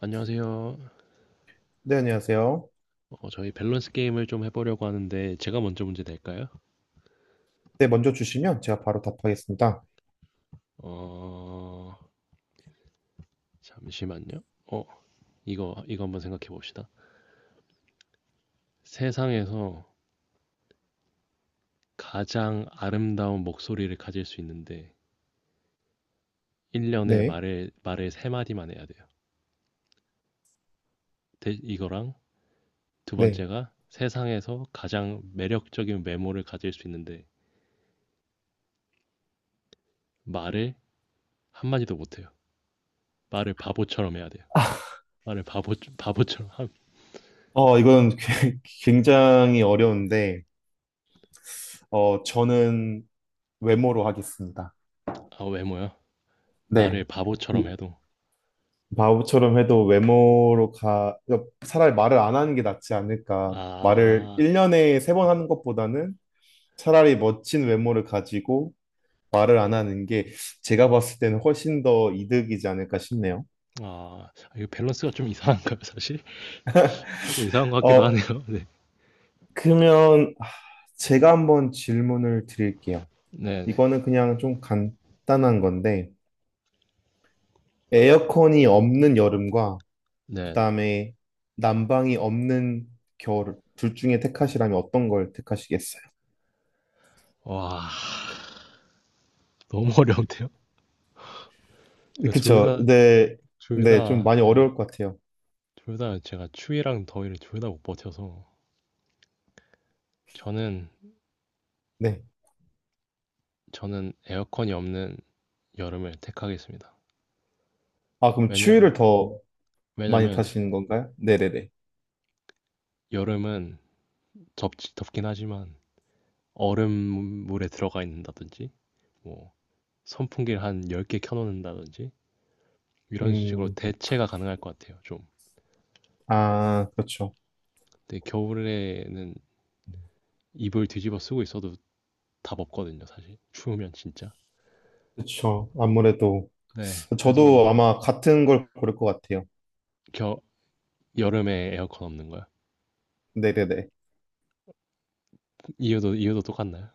안녕하세요. 네, 안녕하세요. 저희 밸런스 게임을 좀 해보려고 하는데 제가 먼저 문제 낼까요? 네, 먼저 주시면 제가 바로 답하겠습니다. 어, 잠시만요. 어, 이거 한번 생각해 봅시다. 세상에서 가장 아름다운 목소리를 가질 수 있는데 1년에 네, 말을 세 마디만 해야 돼요. 이거랑 두 네. 번째가 세상에서 가장 매력적인 외모를 가질 수 있는데 말을 한 마디도 못 해요. 말을 바보처럼 해야 돼요. 말을 바보 바보처럼 함- 이건 굉장히 어려운데, 저는 외모로 하겠습니다. 아, 외모야. 말을 네. 바보처럼 이 해도 바보처럼 해도 외모로 가, 그러니까 차라리 말을 안 하는 게 낫지 않을까. 말을 아, 1년에 3번 하는 것보다는 차라리 멋진 외모를 가지고 말을 안 하는 게 제가 봤을 때는 훨씬 더 이득이지 않을까 싶네요. 아, 이거 밸런스가 좀 이상한가요, 사실? 조금 이상한 것 같기도 어, 하네요. 네, 그러면 제가 한번 질문을 드릴게요. 네, 네, 이거는 그냥 좀 간단한 건데, 에어컨이 없는 여름과, 그 네. 네. 다음에 난방이 없는 겨울, 둘 중에 택하시라면 어떤 걸 택하시겠어요? 와, 너무 어려운데요? 제가 둘 그쵸. 다, 네, 둘 네, 좀 다, 많이 네, 어려울 것 같아요. 둘다 제가 추위랑 더위를 둘 다 못 버텨서 저는 네. 에어컨이 없는 여름을 택하겠습니다. 아, 그럼 왜냐, 추위를 더 많이 왜냐면 타시는 건가요? 네네네. 여름은 덥긴 하지만 얼음물에 들어가 있는다든지 뭐 선풍기를 한 10개 켜놓는다든지 이런 식으로 음, 대체가 가능할 것 같아요, 좀. 아, 그렇죠. 근데 겨울에는 이불 뒤집어 쓰고 있어도 답 없거든요, 사실. 추우면 진짜. 그렇죠. 아무래도 네, 그래서 저도 아마 같은 걸 고를 것 같아요. 겨, 여름에 에어컨 없는 거야. 네네네. 이유도 똑같나요?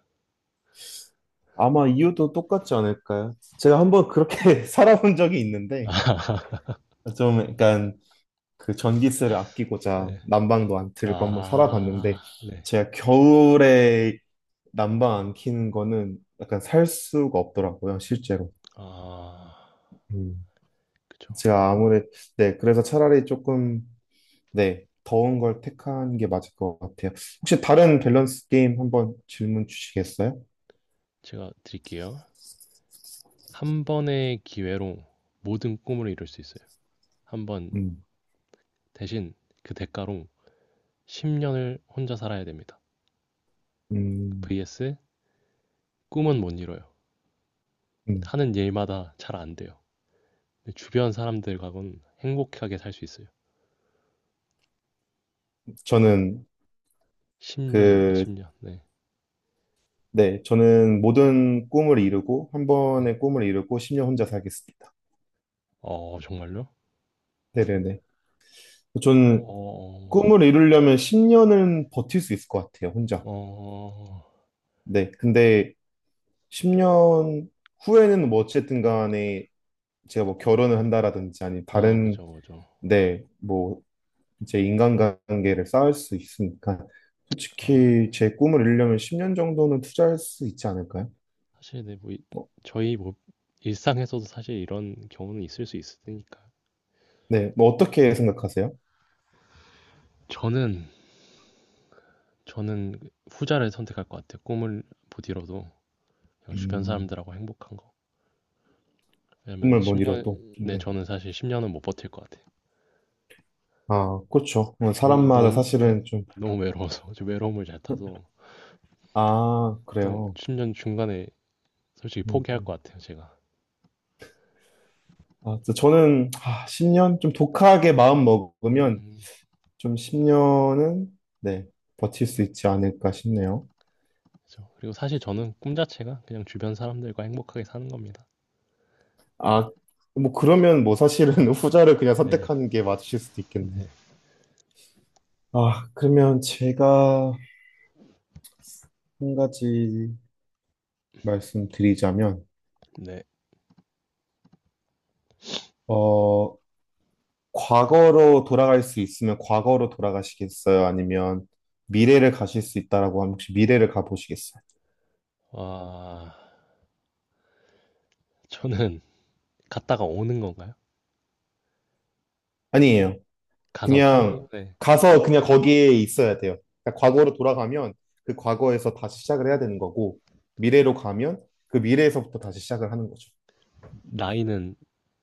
아마 이유도 똑같지 않을까요? 제가 한번 그렇게 살아본 적이 있는데 좀 약간 그 전기세를 아끼고자 네. 난방도 안 틀고 한번 아, 살아봤는데 네. 제가 겨울에 난방 안 켜는 거는 약간 살 수가 없더라고요, 실제로. 아, 음. 그쵸. 제가 아무래도 네, 그래서 차라리 조금 네, 더운 걸 택한 게 맞을 것 같아요. 혹시 다른 밸런스 게임 한번 질문 주시겠어요? 제가 드릴게요. 한 번의 기회로 모든 꿈을 이룰 수 있어요. 한 번 음. 대신 그 대가로 10년을 혼자 살아야 됩니다. 음. vs 꿈은 못 이뤄요. 음. 하는 일마다 잘 안 돼요. 주변 사람들과는 행복하게 살 수 있어요. 저는 10년입니다. 그 10년. 네. 네, 저는 모든 꿈을 이루고 한 네. 번의 꿈을 이루고 10년 혼자 살겠습니다. 어 정말요? 네네네. 어. 저는 꿈을 어. 이루려면 10년은 버틸 수 있을 것 같아요, 혼자. 어, 어, 네, 근데 10년 후에는 뭐 어쨌든 간에 제가 뭐 아. 결혼을 한다라든지 아니 아 다른 그죠, 그죠. 네, 뭐 이제 인간관계를 쌓을 수 있으니까 아 솔직히 제 꿈을 이루려면 10년 정도는 투자할 수 있지 않을까요? 사실 네 뭐 이 뭐, 저희 뭐 일상에서도 사실 이런 경우는 있을 수 있으니까. 네, 뭐 어떻게 아 생각하세요? 저는 그 후자를 선택할 것 같아요. 꿈을 못 이뤄도 그냥 주변 음, 사람들하고 행복한 거. 왜냐면 꿈을 10못 년 이뤄도. 네 네. 저는 사실 10년은 못 버틸 것 같아요. 아, 그렇죠. 뭐 너무 사람마다 너무 네 사실은 좀, 너무 외로워서 저 외로움을 잘 타서 아, 너무 그래요. 10년 중간에 솔직히 음. 포기할 음. 것 같아요, 제가. 아, 저는, 아, 10년? 좀 독하게 마음 먹으면 음. 좀 10년은, 네, 버틸 수 있지 않을까 싶네요. 그죠. 렇 그리고 사실 저는 꿈 자체가 그냥 주변 사람들과 행복하게 사는 겁니다. 아, 뭐, 그러면 뭐 네. 사실은 후자를 그냥 네. 선택하는 게 맞으실 수도 네. 있겠네요. 아, 그러면 제가 한 가지 말씀드리자면, 네. 어, 과거로 돌아갈 수 있으면 과거로 돌아가시겠어요? 아니면 미래를 가실 수 있다라고 하면 혹시 미래를 가보시겠어요? 와. 저는 갔다가 오는 건가요? 아니에요. 가서 사는 그냥 건데 가서 그냥 거기에 있어야 돼요. 그러니까 과거로 돌아가면 그 과거에서 다시 시작을 해야 되는 거고 미래로 가면 그 미래에서부터 다시 시작을 하는 거죠. 나이는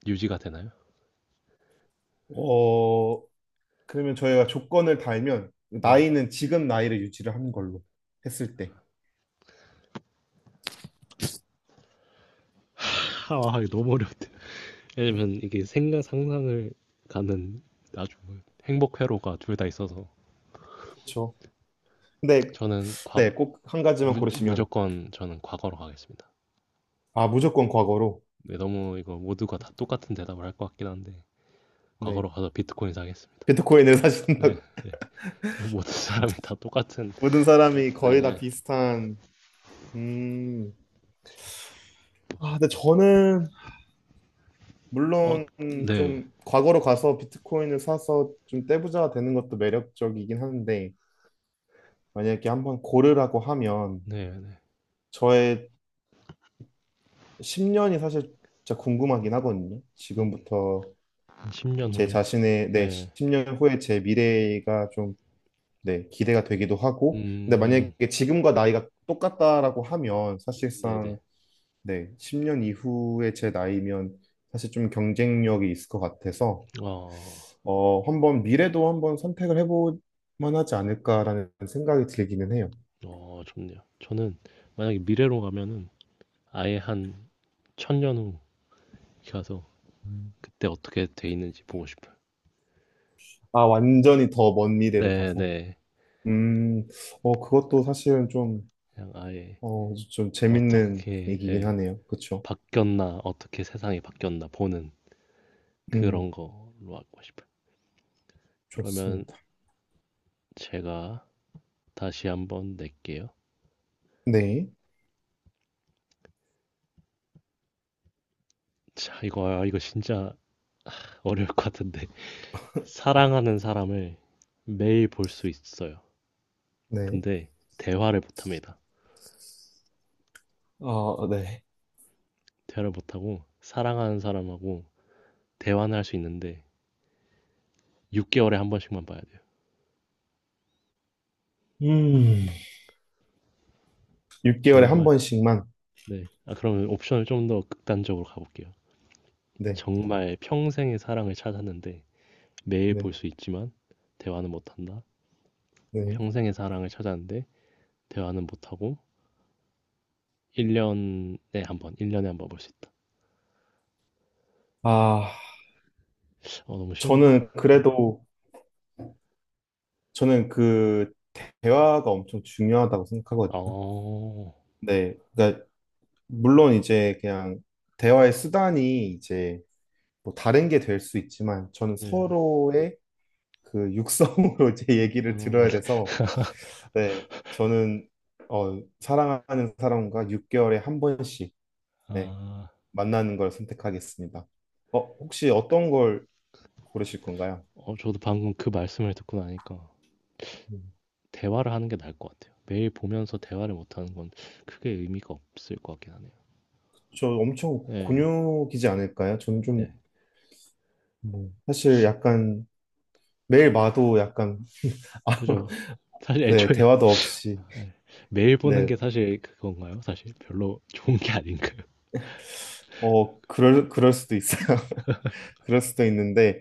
유지가 되나요? 어, 그러면 저희가 조건을 달면 네. 나이는 지금 나이를 유지를 하는 걸로 했을 때. 아, 이거 너무 어렵대 왜냐면 이게 생각 상상을 가는 아주 행복 회로가 둘 다 있어서 그렇죠. 근데 저는 과거 네, 꼭 한 가지만 고르시면 무조건 저는 과거로 가겠습니다. 아, 무조건 과거로. 네, 너무 이거 모두가 다 똑같은 대답을 할 것 같긴 한데 네. 과거로 가서 비트코인 사겠습니다. 비트코인을 네. 사신다고 네. 이거 모든 사람이 다 똑같은. 모든 사람이 거의 다 네. 비슷한 음. 아, 근데 저는 어, 물론 네. 좀 과거로 가서 비트코인을 사서 좀 떼부자가 되는 것도 매력적이긴 한데 만약에 한번 고르라고 하면 네, 네. 저의 10년이 사실 진짜 궁금하긴 하거든요. 음, 지금부터 10년 제 후요. 자신의 네, 네. 10년 후에 제 미래가 좀 네, 기대가 되기도 하고 근데 음, 만약에 지금과 나이가 똑같다라고 하면 네, 네. 사실상 네, 10년 이후에 제 나이면 사실 좀 경쟁력이 있을 것 같아서 어, 한번 미래도 한번 선택을 해볼 만하지 않을까라는 생각이 들기는 해요. 좋네요. 저는 만약에 미래로 가면은 아예 한 1000년 후 가서 음. 그때 어떻게 돼 있는지 보고 싶어요. 아, 완전히 더 먼 미래를 네, 가서. 네. 음, 그것도 사실은 좀, 그냥 아예 좀 재밌는 얘기긴 예, 하네요. 그쵸? 바뀌었나, 어떻게 세상이 바뀌었나 보는 음, 그런 거로 하고 싶어요. 그러면 좋습니다. 제가 다시 한번 낼게요. 네, 자, 이거 진짜 어려울 것 같은데. 사랑하는 사람을 매일 볼 수 있어요. 네. 근데 대화를 못 합니다. 어, 네. 대화를 못 하고 사랑하는 사람하고 대화는 할 수 있는데 6개월에 한 번씩만 봐야 돼요. 음, 6개월에 한 정말. 번씩만. 네. 아, 그러면 옵션을 좀 더 극단적으로 가볼게요. 네, 정말 평생의 사랑을 찾았는데 매일 네, 볼 수 있지만 대화는 못 한다. 네. 평생의 사랑을 찾았는데 대화는 못 하고 1년에 한 번, 1년에 한 번 볼 수 있다. 아, 어, 너무 쉬운가? 저는 네. 그래도 저는 그 대화가 엄청 중요하다고 생각하거든요. 어. 네. 그러니까 물론 이제 그냥 대화의 수단이 이제 뭐 다른 게 될 수 있지만 저는 네. 서로의 그 육성으로 이제 얘기를 아. 들어야 돼서 네. 저는 사랑하는 사람과 6개월에 한 번씩 네, 아. 만나는 걸 선택하겠습니다. 혹시 어떤 걸 고르실 건가요? 어 저도 방금 그 말씀을 듣고 나니까 음. 대화를 하는 게 나을 것 같아요. 매일 보면서 대화를 못 하는 건 크게 의미가 없을 것 같긴 하네요. 저 엄청 네 곤욕이지 않을까요? 저는 좀 네. 뭐, 사실 약간 매일 마도 약간 아, 그죠. 사실 네, 애초에 대화도 없이. 네. 매일 보는 네. 게 사실 그건가요? 사실 별로 좋은 게 아닌가요? 어, 그럴 수도 있어요. 그럴 수도 있는데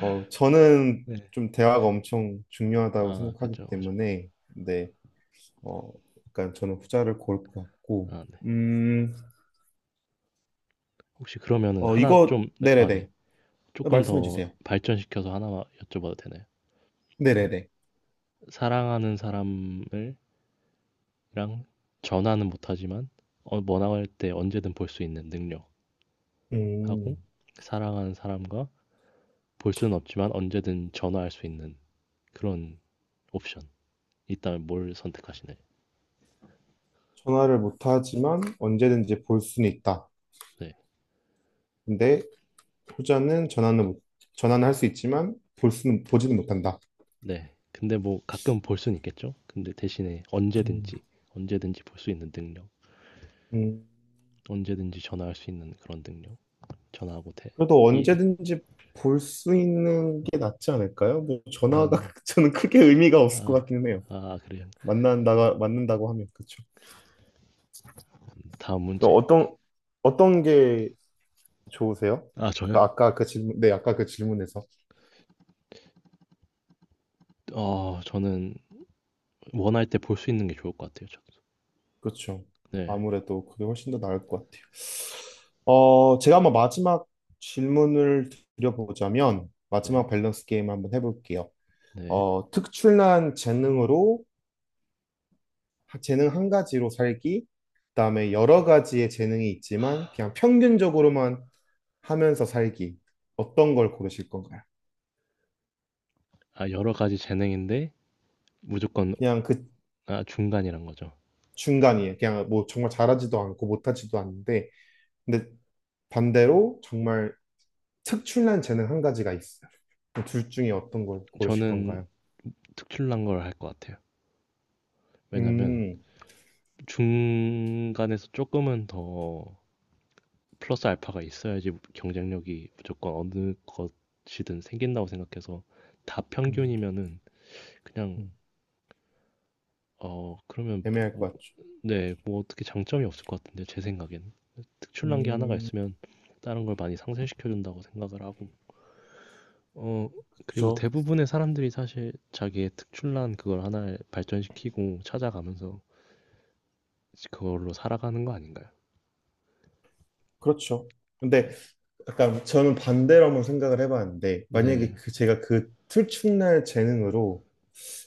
저는 네. 좀 대화가 엄청 중요하다고 아 생각하기 그죠, 그죠. 때문에 네. 어, 약간 저는 후자를 고를 것 같고. 아 네. 음. 혹시 그러면은 어, 하나 이거 좀 네 아 네. 네네네. 조금 말씀해 더 주세요. 발전시켜서 하나 여쭤봐도 되나요? 네네네. 사랑하는 사람을 랑 전화는 못하지만 원할 때 언제든 볼 수 있는 능력하고 음. 사랑하는 사람과 볼 수는 없지만 언제든 전화할 수 있는 그런 옵션 있다면 뭘 선택하시나요? 전화를 못 하지만 언제든지 볼 수는 있다. 네, 근데 후자는 전화는 못- 전화는 할 수 있지만 볼 수는 보지는 못한다. 네. 근데 뭐 가끔 볼 수는 있겠죠. 근데 대신에 음. 언제든지 볼 수 있는 능력, 음. 언제든지 전화할 수 있는 그런 능력, 전화하고 돼 그래도 예. 언제든지 볼 수 있는 게 낫지 않을까요? 뭐 전화가 음, 저는 크게 의미가 없을 것 아, 같기는 해요. 아 그래요. 만난다가 만난다고 하면 그렇죠. 다음 문제. 어떤 어떤 게 좋으세요? 아 저요? 아까 그 질문에서 저는 원할 때 볼 수 있는 게 좋을 것 같아요. 저도. 그렇죠. 네, 아무래도 그게 훨씬 더 나을 것 같아요. 제가 한번 마지막 질문을 드려보자면 네, 마지막 밸런스 게임 한번 해볼게요. 네. 특출난 재능으로 재능 한 가지로 살기, 그다음에 여러 가지의 재능이 있지만 그냥 평균적으로만 하면서 살기. 어떤 걸 고르실 건가요? 아, 여러 가지 재능인데 무조건 그냥 그 아, 중간이란 거죠. 중간이에요. 그냥 뭐 정말 잘하지도 않고 못하지도 않는데, 근데 반대로 정말 특출난 재능 한 가지가 있어요. 둘 중에 어떤 걸 고르실 저는 건가요? 특출난 걸 할 것 같아요. 왜냐면 음, 중간에서 조금은 더 플러스 알파가 있어야지 경쟁력이 무조건 어느 것이든 생긴다고 생각해서 다 음, 평균이면은 그냥 음. 그러면 애매할 뭐, 것 같죠. 네, 뭐 어떻게 장점이 없을 것 같은데 제 생각엔 특출난 게 하나가 음, 있으면 다른 걸 많이 상쇄시켜 준다고 생각을 하고 어, 그리고 그쵸. 대부분의 사람들이 사실 자기의 특출난 그걸 하나를 발전시키고 찾아가면서 그걸로 살아가는 거 아닌가요? 그렇죠. 근데 약간 저는 반대로 한번 생각을 해봤는데 만약에 네. 그 제가 그 출첵날 재능으로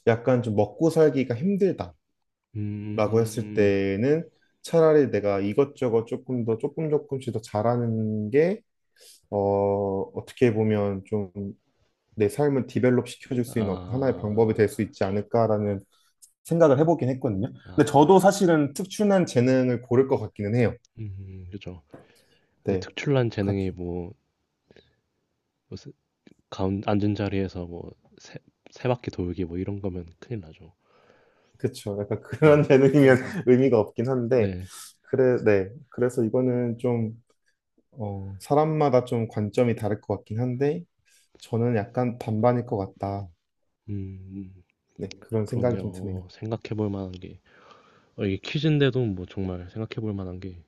약간 좀 먹고 살기가 힘들다라고 했을 음, 때는 차라리 내가 이것저것 조금 조금씩 더 잘하는 게 어, 어떻게 보면 좀 내 삶을 디벨롭 시켜줄 수 있는 어떤 하나의 방법이 아, 될 수 있지 않을까라는 생각을 해보긴 했거든요. 근데 아, 저도 사실은 특출난 재능을 고를 것 같기는 해요. 그죠. 근데 네. 특출난 재능이 뭐, 뭐 앉은 자리에서 뭐, 세, 세 바퀴 돌기 뭐 이런 거면 큰일 나죠. 그쵸. 약간 네. 그런 재능이면 그러니까, 의미가 없긴 한데, 네. 그래, 네. 그래서 이거는 좀, 사람마다 좀 관점이 다를 것 같긴 한데, 저는 약간 반반일 것 같다. 음, 음, 네, 그런 생각이 그러네요. 좀 드네요. 어, 생각해 볼 만한 게, 어, 이게 퀴즈인데도 뭐 정말 생각해 볼 만한 게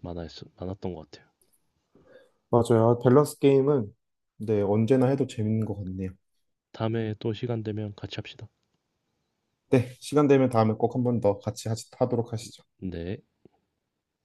많았, 많았던 것 같아요. 맞아요. 밸런스 게임은, 네, 언제나 해도 재밌는 것 같네요. 다음에 또 시간 되면 같이 합시다. 네, 시간 되면 다음에 꼭 한번 더 같이 하도록 하시죠. 네.